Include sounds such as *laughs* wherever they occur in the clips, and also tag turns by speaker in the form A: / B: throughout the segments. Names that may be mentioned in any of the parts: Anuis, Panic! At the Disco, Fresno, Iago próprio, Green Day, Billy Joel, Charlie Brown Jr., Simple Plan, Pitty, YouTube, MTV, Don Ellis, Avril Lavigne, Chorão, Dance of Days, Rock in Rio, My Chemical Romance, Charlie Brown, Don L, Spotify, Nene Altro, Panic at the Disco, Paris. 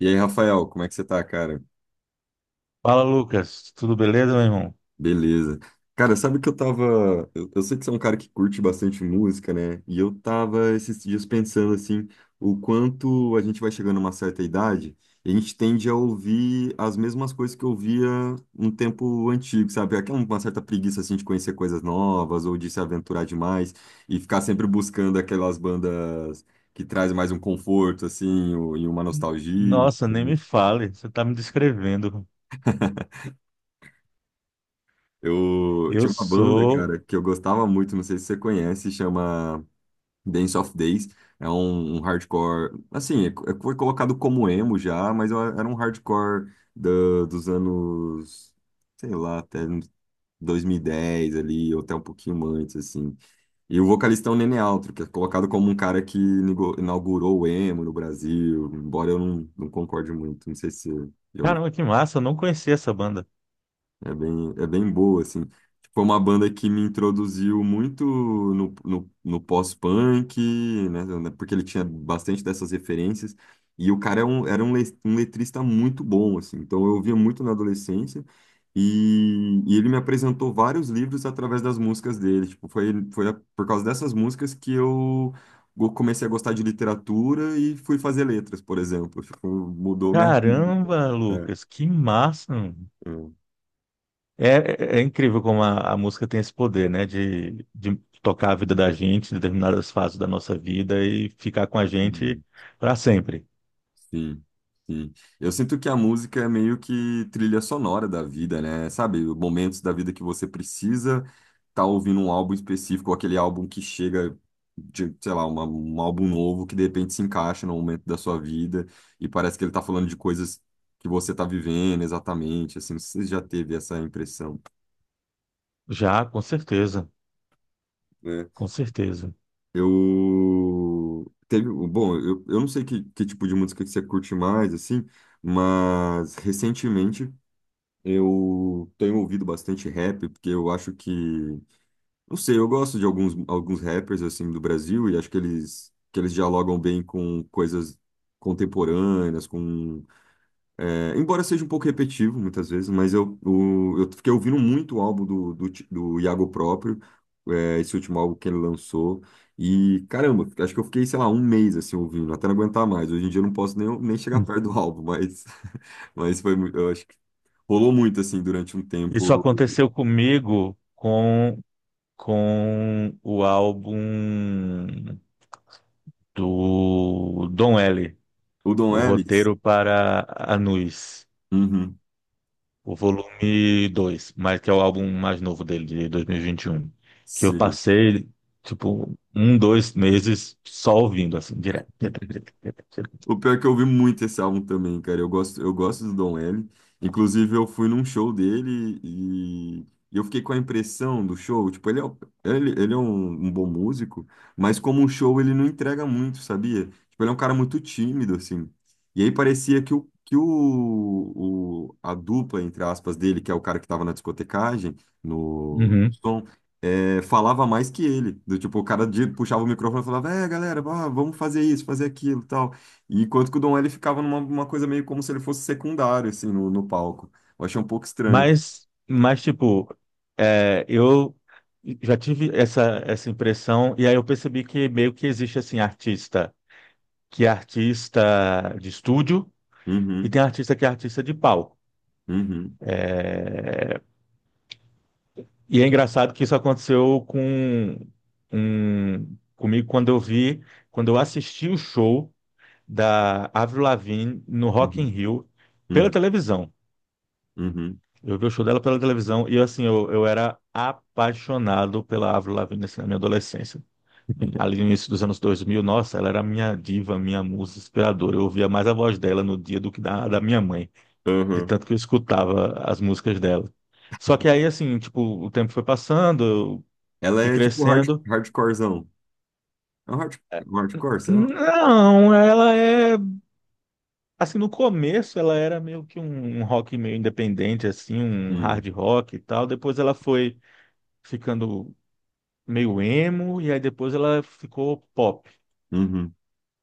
A: E aí, Rafael, como é que você tá, cara?
B: Fala, Lucas. Tudo beleza, meu irmão?
A: Beleza. Cara, sabe que eu tava. Eu sei que você é um cara que curte bastante música, né? E eu tava esses dias pensando, assim, o quanto a gente vai chegando a uma certa idade e a gente tende a ouvir as mesmas coisas que eu ouvia um tempo antigo, sabe? Aquela uma certa preguiça, assim, de conhecer coisas novas ou de se aventurar demais e ficar sempre buscando aquelas bandas que trazem mais um conforto, assim, e uma nostalgia.
B: Nossa, nem me fale. Você tá me descrevendo.
A: Eu
B: Eu
A: tinha uma banda,
B: sou.
A: cara, que eu gostava muito, não sei se você conhece, chama Dance of Days. É um hardcore, assim, foi colocado como emo já, mas era um hardcore dos anos, sei lá, até uns 2010 ali, ou até um pouquinho antes, assim. E o vocalista é o Nene Altro, que é colocado como um cara que inaugurou o emo no Brasil, embora eu não concorde muito, não sei se eu.
B: Caramba, que massa. Eu não conhecia essa banda.
A: É bem boa, assim. Foi uma banda que me introduziu muito no pós-punk, né? Porque ele tinha bastante dessas referências. E o cara é um, era um, um letrista muito bom, assim. Então eu ouvia muito na adolescência. E ele me apresentou vários livros através das músicas dele. Tipo, por causa dessas músicas que eu comecei a gostar de literatura e fui fazer letras, por exemplo. Tipo, mudou minha vida.
B: Caramba,
A: É,
B: Lucas. Que massa, mano.
A: é.
B: É, é incrível como a música tem esse poder, né? De tocar a vida da gente em determinadas fases da nossa vida e ficar com a gente para sempre.
A: Sim, sim. Eu sinto que a música é meio que trilha sonora da vida, né? Sabe, momentos da vida que você precisa estar ouvindo um álbum específico, ou aquele álbum que chega de, sei lá, um álbum novo que de repente se encaixa no momento da sua vida e parece que ele tá falando de coisas que você tá vivendo exatamente, assim, você já teve essa impressão,
B: Já, com certeza.
A: né?
B: Com certeza.
A: Eu teve, bom, eu, não sei que tipo de música que você curte mais, assim, mas recentemente eu tenho ouvido bastante rap, porque eu acho que, não sei, eu gosto de alguns rappers assim do Brasil e acho que eles dialogam bem com coisas contemporâneas, é, embora seja um pouco repetitivo muitas vezes, mas eu fiquei ouvindo muito o álbum do Iago próprio, é, esse último álbum que ele lançou. E caramba, acho que eu fiquei, sei lá, um mês assim ouvindo, até não aguentar mais. Hoje em dia eu não posso nem, nem chegar perto do álbum, mas, *laughs* mas eu acho que rolou muito, assim, durante um
B: Isso
A: tempo.
B: aconteceu comigo com o álbum do Don L,
A: O Don
B: o
A: Ellis?
B: roteiro para Anuis,
A: Uhum,
B: o volume 2, mas que é o álbum mais novo dele, de dois mil e vinte e um, que eu
A: sim.
B: passei, tipo, um, dois meses só ouvindo, assim, direto, direto, direto, direto, direto.
A: O pior é que eu ouvi muito esse álbum também, cara. Eu gosto do Don L. Inclusive, eu fui num show dele e eu fiquei com a impressão do show. Tipo, ele, ele é um, um bom músico, mas como um show ele não entrega muito, sabia? Tipo, ele é um cara muito tímido, assim. E aí parecia que a dupla, entre aspas, dele, que é o cara que tava na discotecagem, no
B: Uhum.
A: som, é, falava mais que ele. Do tipo, puxava o microfone e falava, é, galera, vá, vamos fazer isso, fazer aquilo, tal. E enquanto que o Dom ele ficava numa uma coisa meio como se ele fosse secundário, assim, no palco. Eu achei um pouco estranho.
B: Mas, tipo, eu já tive essa, essa impressão, e aí eu percebi que meio que existe, assim, artista, que é artista de estúdio. E
A: Uhum,
B: tem artista que é artista de palco.
A: uhum,
B: E é engraçado que isso aconteceu com comigo quando eu vi, quando eu assisti o show da Avril Lavigne no Rock in
A: uhum,
B: Rio pela
A: uhum,
B: televisão.
A: uhum,
B: Eu vi o show dela pela televisão e assim, eu era apaixonado pela Avril Lavigne assim, na minha adolescência. Ali no início dos anos dois mil, nossa, ela era minha diva, minha musa inspiradora. Eu ouvia mais a voz dela no dia do que da minha mãe, de
A: uhum.
B: tanto que eu escutava as músicas dela. Só que aí, assim, tipo, o tempo foi passando, eu
A: Ela
B: fui
A: é tipo
B: crescendo.
A: hardcorezão. É um hard, um hardcore, será?
B: Não, ela é. Assim, no começo ela era meio que um rock meio independente, assim, um
A: Hum,
B: hard rock e tal. Depois ela foi ficando meio emo, e aí depois ela ficou pop.
A: uhum.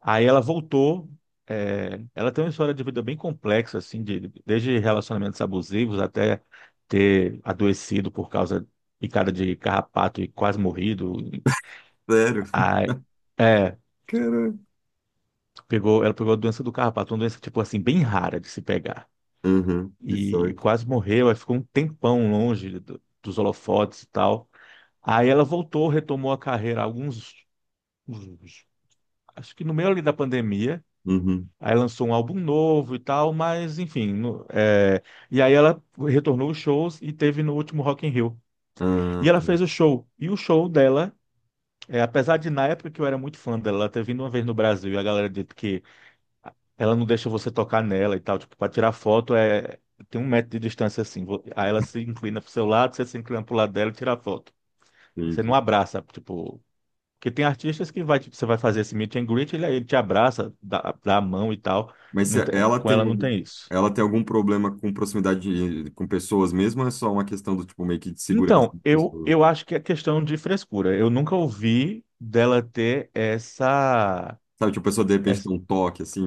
B: Aí ela voltou. É, ela tem uma história de vida bem complexa, assim, desde relacionamentos abusivos até ter adoecido por causa de picada de carrapato e quase morrido.
A: Sério?
B: A-
A: *laughs*
B: É,
A: Caramba.
B: ela pegou a doença do carrapato, uma doença, tipo assim, bem rara de se pegar.
A: Uhum, que
B: E
A: sorte.
B: quase morreu, aí ficou um tempão longe dos holofotes e tal. Aí ela voltou, retomou a carreira uns- acho que no meio ali da pandemia.
A: Uhum.
B: Aí lançou um álbum novo e tal, mas enfim. E aí ela retornou os shows e teve no último Rock in Rio. E
A: Ah,
B: ela
A: tá.
B: fez o show. E o show dela, apesar de na época que eu era muito fã dela, ela ter vindo uma vez no Brasil e a galera disse que ela não deixa você tocar nela e tal, tipo, pra tirar foto, tem um metro de distância assim. Aí ela se inclina pro seu lado, você se inclina pro lado dela e tira a foto. Aí você não
A: Entendi.
B: abraça, tipo. Porque tem artistas que vai, tipo, você vai fazer esse meet and greet, ele te abraça, dá a mão e tal.
A: Mas se ela
B: Com
A: tem,
B: ela não
A: algum-
B: tem isso.
A: ela tem algum problema com proximidade com pessoas mesmo ou é só uma questão do tipo meio que de segurança
B: Então,
A: das pessoas?
B: eu acho que é questão de frescura. Eu nunca ouvi dela ter
A: Sabe, tipo, a pessoa de repente
B: essa-
A: tem um toque, assim,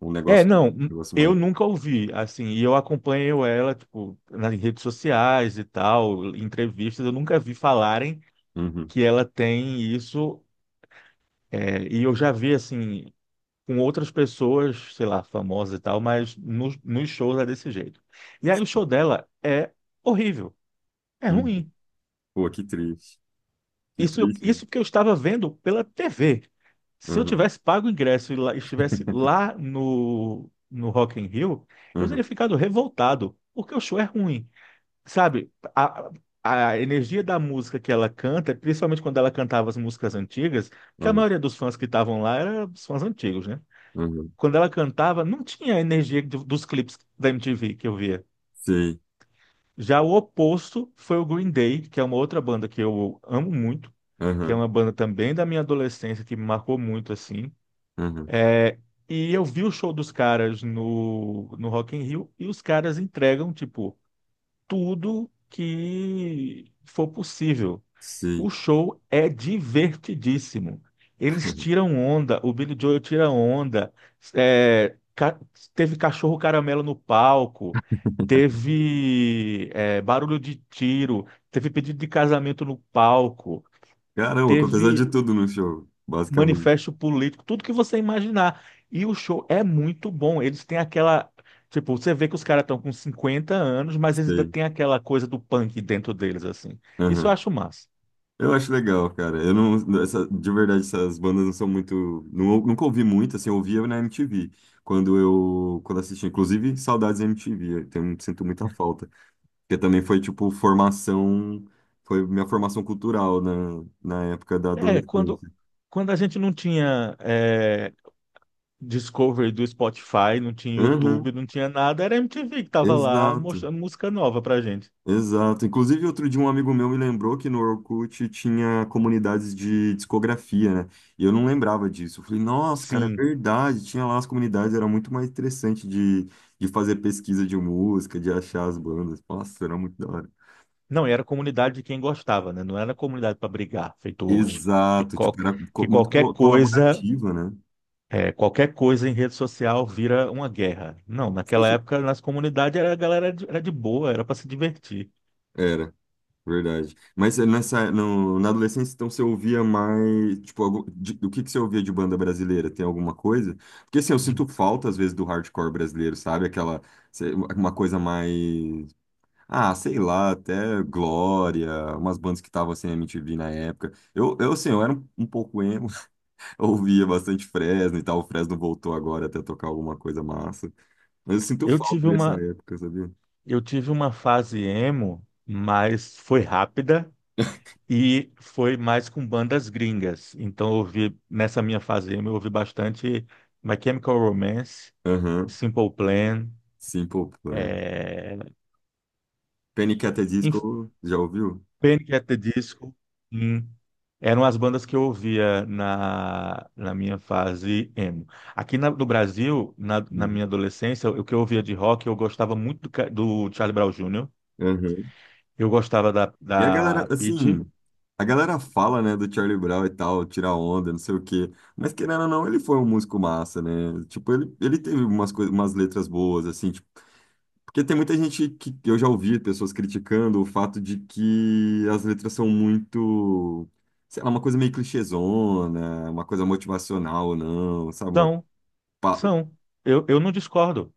B: É, não,
A: um negócio
B: eu
A: mais.
B: nunca ouvi, assim, e eu acompanho ela, tipo, nas redes sociais e tal, em entrevistas, eu nunca vi falarem
A: Uhum,
B: que ela tem isso, e eu já vi, assim, com outras pessoas, sei lá, famosas e tal, mas nos shows é desse jeito. E aí o show dela é horrível, é
A: uhum.
B: ruim.
A: Pô, que triste. Que
B: Isso,
A: triste, né?
B: isso que eu estava vendo pela TV. Se eu
A: Uhum,
B: tivesse pago o ingresso e estivesse
A: *laughs*
B: lá no Rock in Rio, eu
A: uhum,
B: teria ficado revoltado, porque o show é ruim. Sabe, a, a energia da música que ela canta, principalmente quando ela cantava as músicas antigas, que a
A: uhum,
B: maioria dos fãs que estavam lá eram os fãs antigos, né?
A: uhum.
B: Quando ela cantava, não tinha a energia dos clipes da MTV que eu via.
A: *laughs* Sei.
B: Já o oposto foi o Green Day, que é uma outra banda que eu amo muito, que é
A: Uhum,
B: uma banda também da minha adolescência, que me marcou muito, assim.
A: uhum.
B: E eu vi o show dos caras no Rock in Rio e os caras entregam, tipo, tudo que for possível.
A: Sei.
B: O show é divertidíssimo. Eles
A: *laughs*
B: tiram onda, o Billy Joel tira onda. É, ca- Teve cachorro caramelo no palco, teve, barulho de tiro, teve pedido de casamento no palco,
A: Caramba, aconteceu de
B: teve
A: tudo no show, basicamente.
B: manifesto político, tudo que você imaginar. E o show é muito bom. Eles têm aquela... Tipo, você vê que os caras estão com 50 anos, mas eles ainda
A: Sei.
B: têm aquela coisa do punk dentro deles, assim. Isso eu
A: Aham.
B: acho massa.
A: Eu acho legal, cara. Eu não, essa, de verdade, essas bandas não são muito, não, nunca ouvi muito, assim, eu ouvia na MTV, quando eu, quando assistia, inclusive, saudades da MTV, sinto muita falta. Porque também foi, tipo, formação, foi minha formação cultural na época da
B: É,
A: adolescência.
B: quando a gente não tinha Discovery do Spotify, não tinha
A: Aham,
B: YouTube, não tinha nada, era a MTV que tava lá
A: exato,
B: mostrando música nova pra gente.
A: exato. Inclusive, outro dia um amigo meu me lembrou que no Orkut tinha comunidades de discografia, né? E eu não lembrava disso. Eu falei, nossa, cara, é
B: Sim.
A: verdade, tinha lá as comunidades, era muito mais interessante de fazer pesquisa de música, de achar as bandas. Nossa, era muito da hora.
B: Não, e era a comunidade de quem gostava, né? Não era a comunidade para brigar, feito hoje. Que,
A: Exato, tipo,
B: qual,
A: era co-
B: que
A: muito
B: qualquer
A: co-
B: coisa...
A: colaborativa, né?
B: É, qualquer coisa em rede social vira uma guerra. Não,
A: Você
B: naquela
A: acha-
B: época nas comunidades era, a galera era de boa, era para se divertir.
A: Era. Verdade. Mas eh, nessa, no, na adolescência, então, você ouvia mais, tipo, do que você ouvia de banda brasileira? Tem alguma coisa? Porque, assim, eu
B: De-
A: sinto falta, às vezes, do hardcore brasileiro, sabe? Uma coisa mais, ah, sei lá, até Glória, umas bandas que estavam, assim, na MTV na época. Eu era um, um pouco emo, *laughs* eu ouvia bastante Fresno e tal, o Fresno voltou agora até tocar alguma coisa massa. Mas eu sinto
B: eu
A: falta
B: tive
A: dessa
B: uma,
A: época, sabia?
B: eu tive uma fase emo, mas foi rápida e foi mais com bandas gringas. Então eu ouvi, nessa minha fase emo, eu ouvi bastante My Chemical Romance,
A: Aham,
B: Simple Plan,
A: Simple Plan.
B: é,
A: Panic! At the Disco, já ouviu?
B: Panic at the Disco. Sim. Eram as bandas que eu ouvia na minha fase emo. No Brasil, na
A: Uhum.
B: minha adolescência, o que eu ouvia de rock, eu gostava muito do, do Charlie Brown Júnior,
A: Uhum.
B: eu gostava
A: E a galera,
B: da
A: assim,
B: Pitty.
A: a galera fala, né, do Charlie Brown e tal, tirar onda, não sei o quê. Mas querendo ou não, ele foi um músico massa, né? Tipo, ele teve umas coisas, umas letras boas, assim, tipo, porque tem muita gente que eu já ouvi pessoas criticando o fato de que as letras são muito, sei lá, uma coisa meio clichêzona, uma coisa motivacional ou não, sabe?
B: São,
A: Pa-
B: são. Eu não discordo.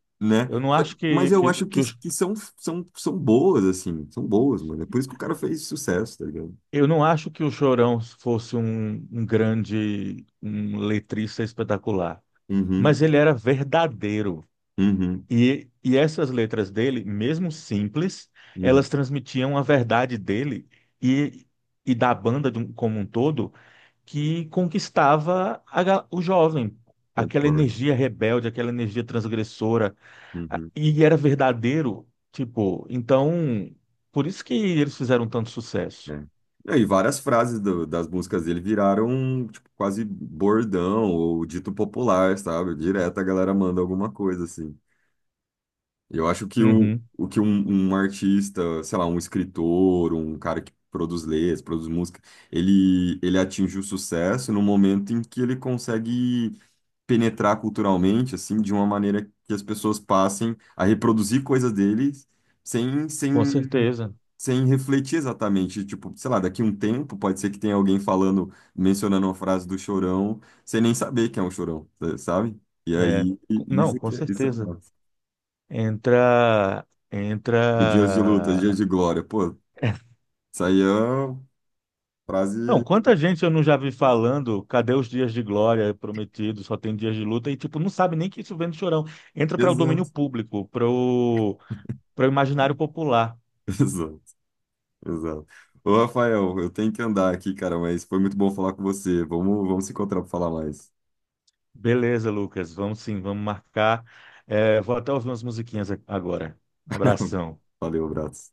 B: Eu
A: né?
B: não acho
A: Mas eu acho que, que são, são boas, assim, são boas, mano. É por isso que o cara fez sucesso, tá ligado?
B: eu não acho que o Chorão fosse um grande letrista espetacular.
A: Uhum,
B: Mas ele era verdadeiro.
A: uhum,
B: E essas letras dele, mesmo simples,
A: uhum,
B: elas transmitiam a verdade dele e, e da banda como um todo, que conquistava a o jovem. Aquela
A: concordo.
B: energia rebelde, aquela energia transgressora,
A: Uhum,
B: e era verdadeiro, tipo, então, por isso que eles fizeram tanto sucesso.
A: é. Não, e várias frases das músicas dele viraram tipo, quase bordão ou dito popular, sabe? Direto a galera manda alguma coisa assim. Eu acho que
B: Uhum,
A: o que um artista, sei lá, um escritor, um cara que produz letras, produz música, ele atinge o sucesso no momento em que ele consegue penetrar culturalmente, assim, de uma maneira que as pessoas passem a reproduzir coisas dele sem, sem
B: com certeza.
A: sem refletir exatamente. Tipo, sei lá, daqui um tempo pode ser que tenha alguém falando, mencionando uma frase do Chorão, sem nem saber quem é o Chorão, sabe?
B: É, não,
A: Isso
B: com
A: que é, isso é
B: certeza.
A: massa.
B: Entra,
A: O dias de luta, os dias
B: entra,
A: de glória. Pô, isso aí é uma frase
B: não, quanta gente eu não já vi falando, cadê os dias de glória prometidos, só tem dias de luta, e tipo, não sabe nem que isso vem do Chorão. Entra para o domínio
A: exato,
B: público, para o para o imaginário popular.
A: *laughs* exato, exato. Ô, Rafael, eu tenho que andar aqui, cara, mas foi muito bom falar com você. Vamos se encontrar para falar mais.
B: Beleza, Lucas, vamos sim, vamos marcar. É, vou até ouvir umas musiquinhas agora.
A: *laughs*
B: Abração.
A: Valeu, abraço.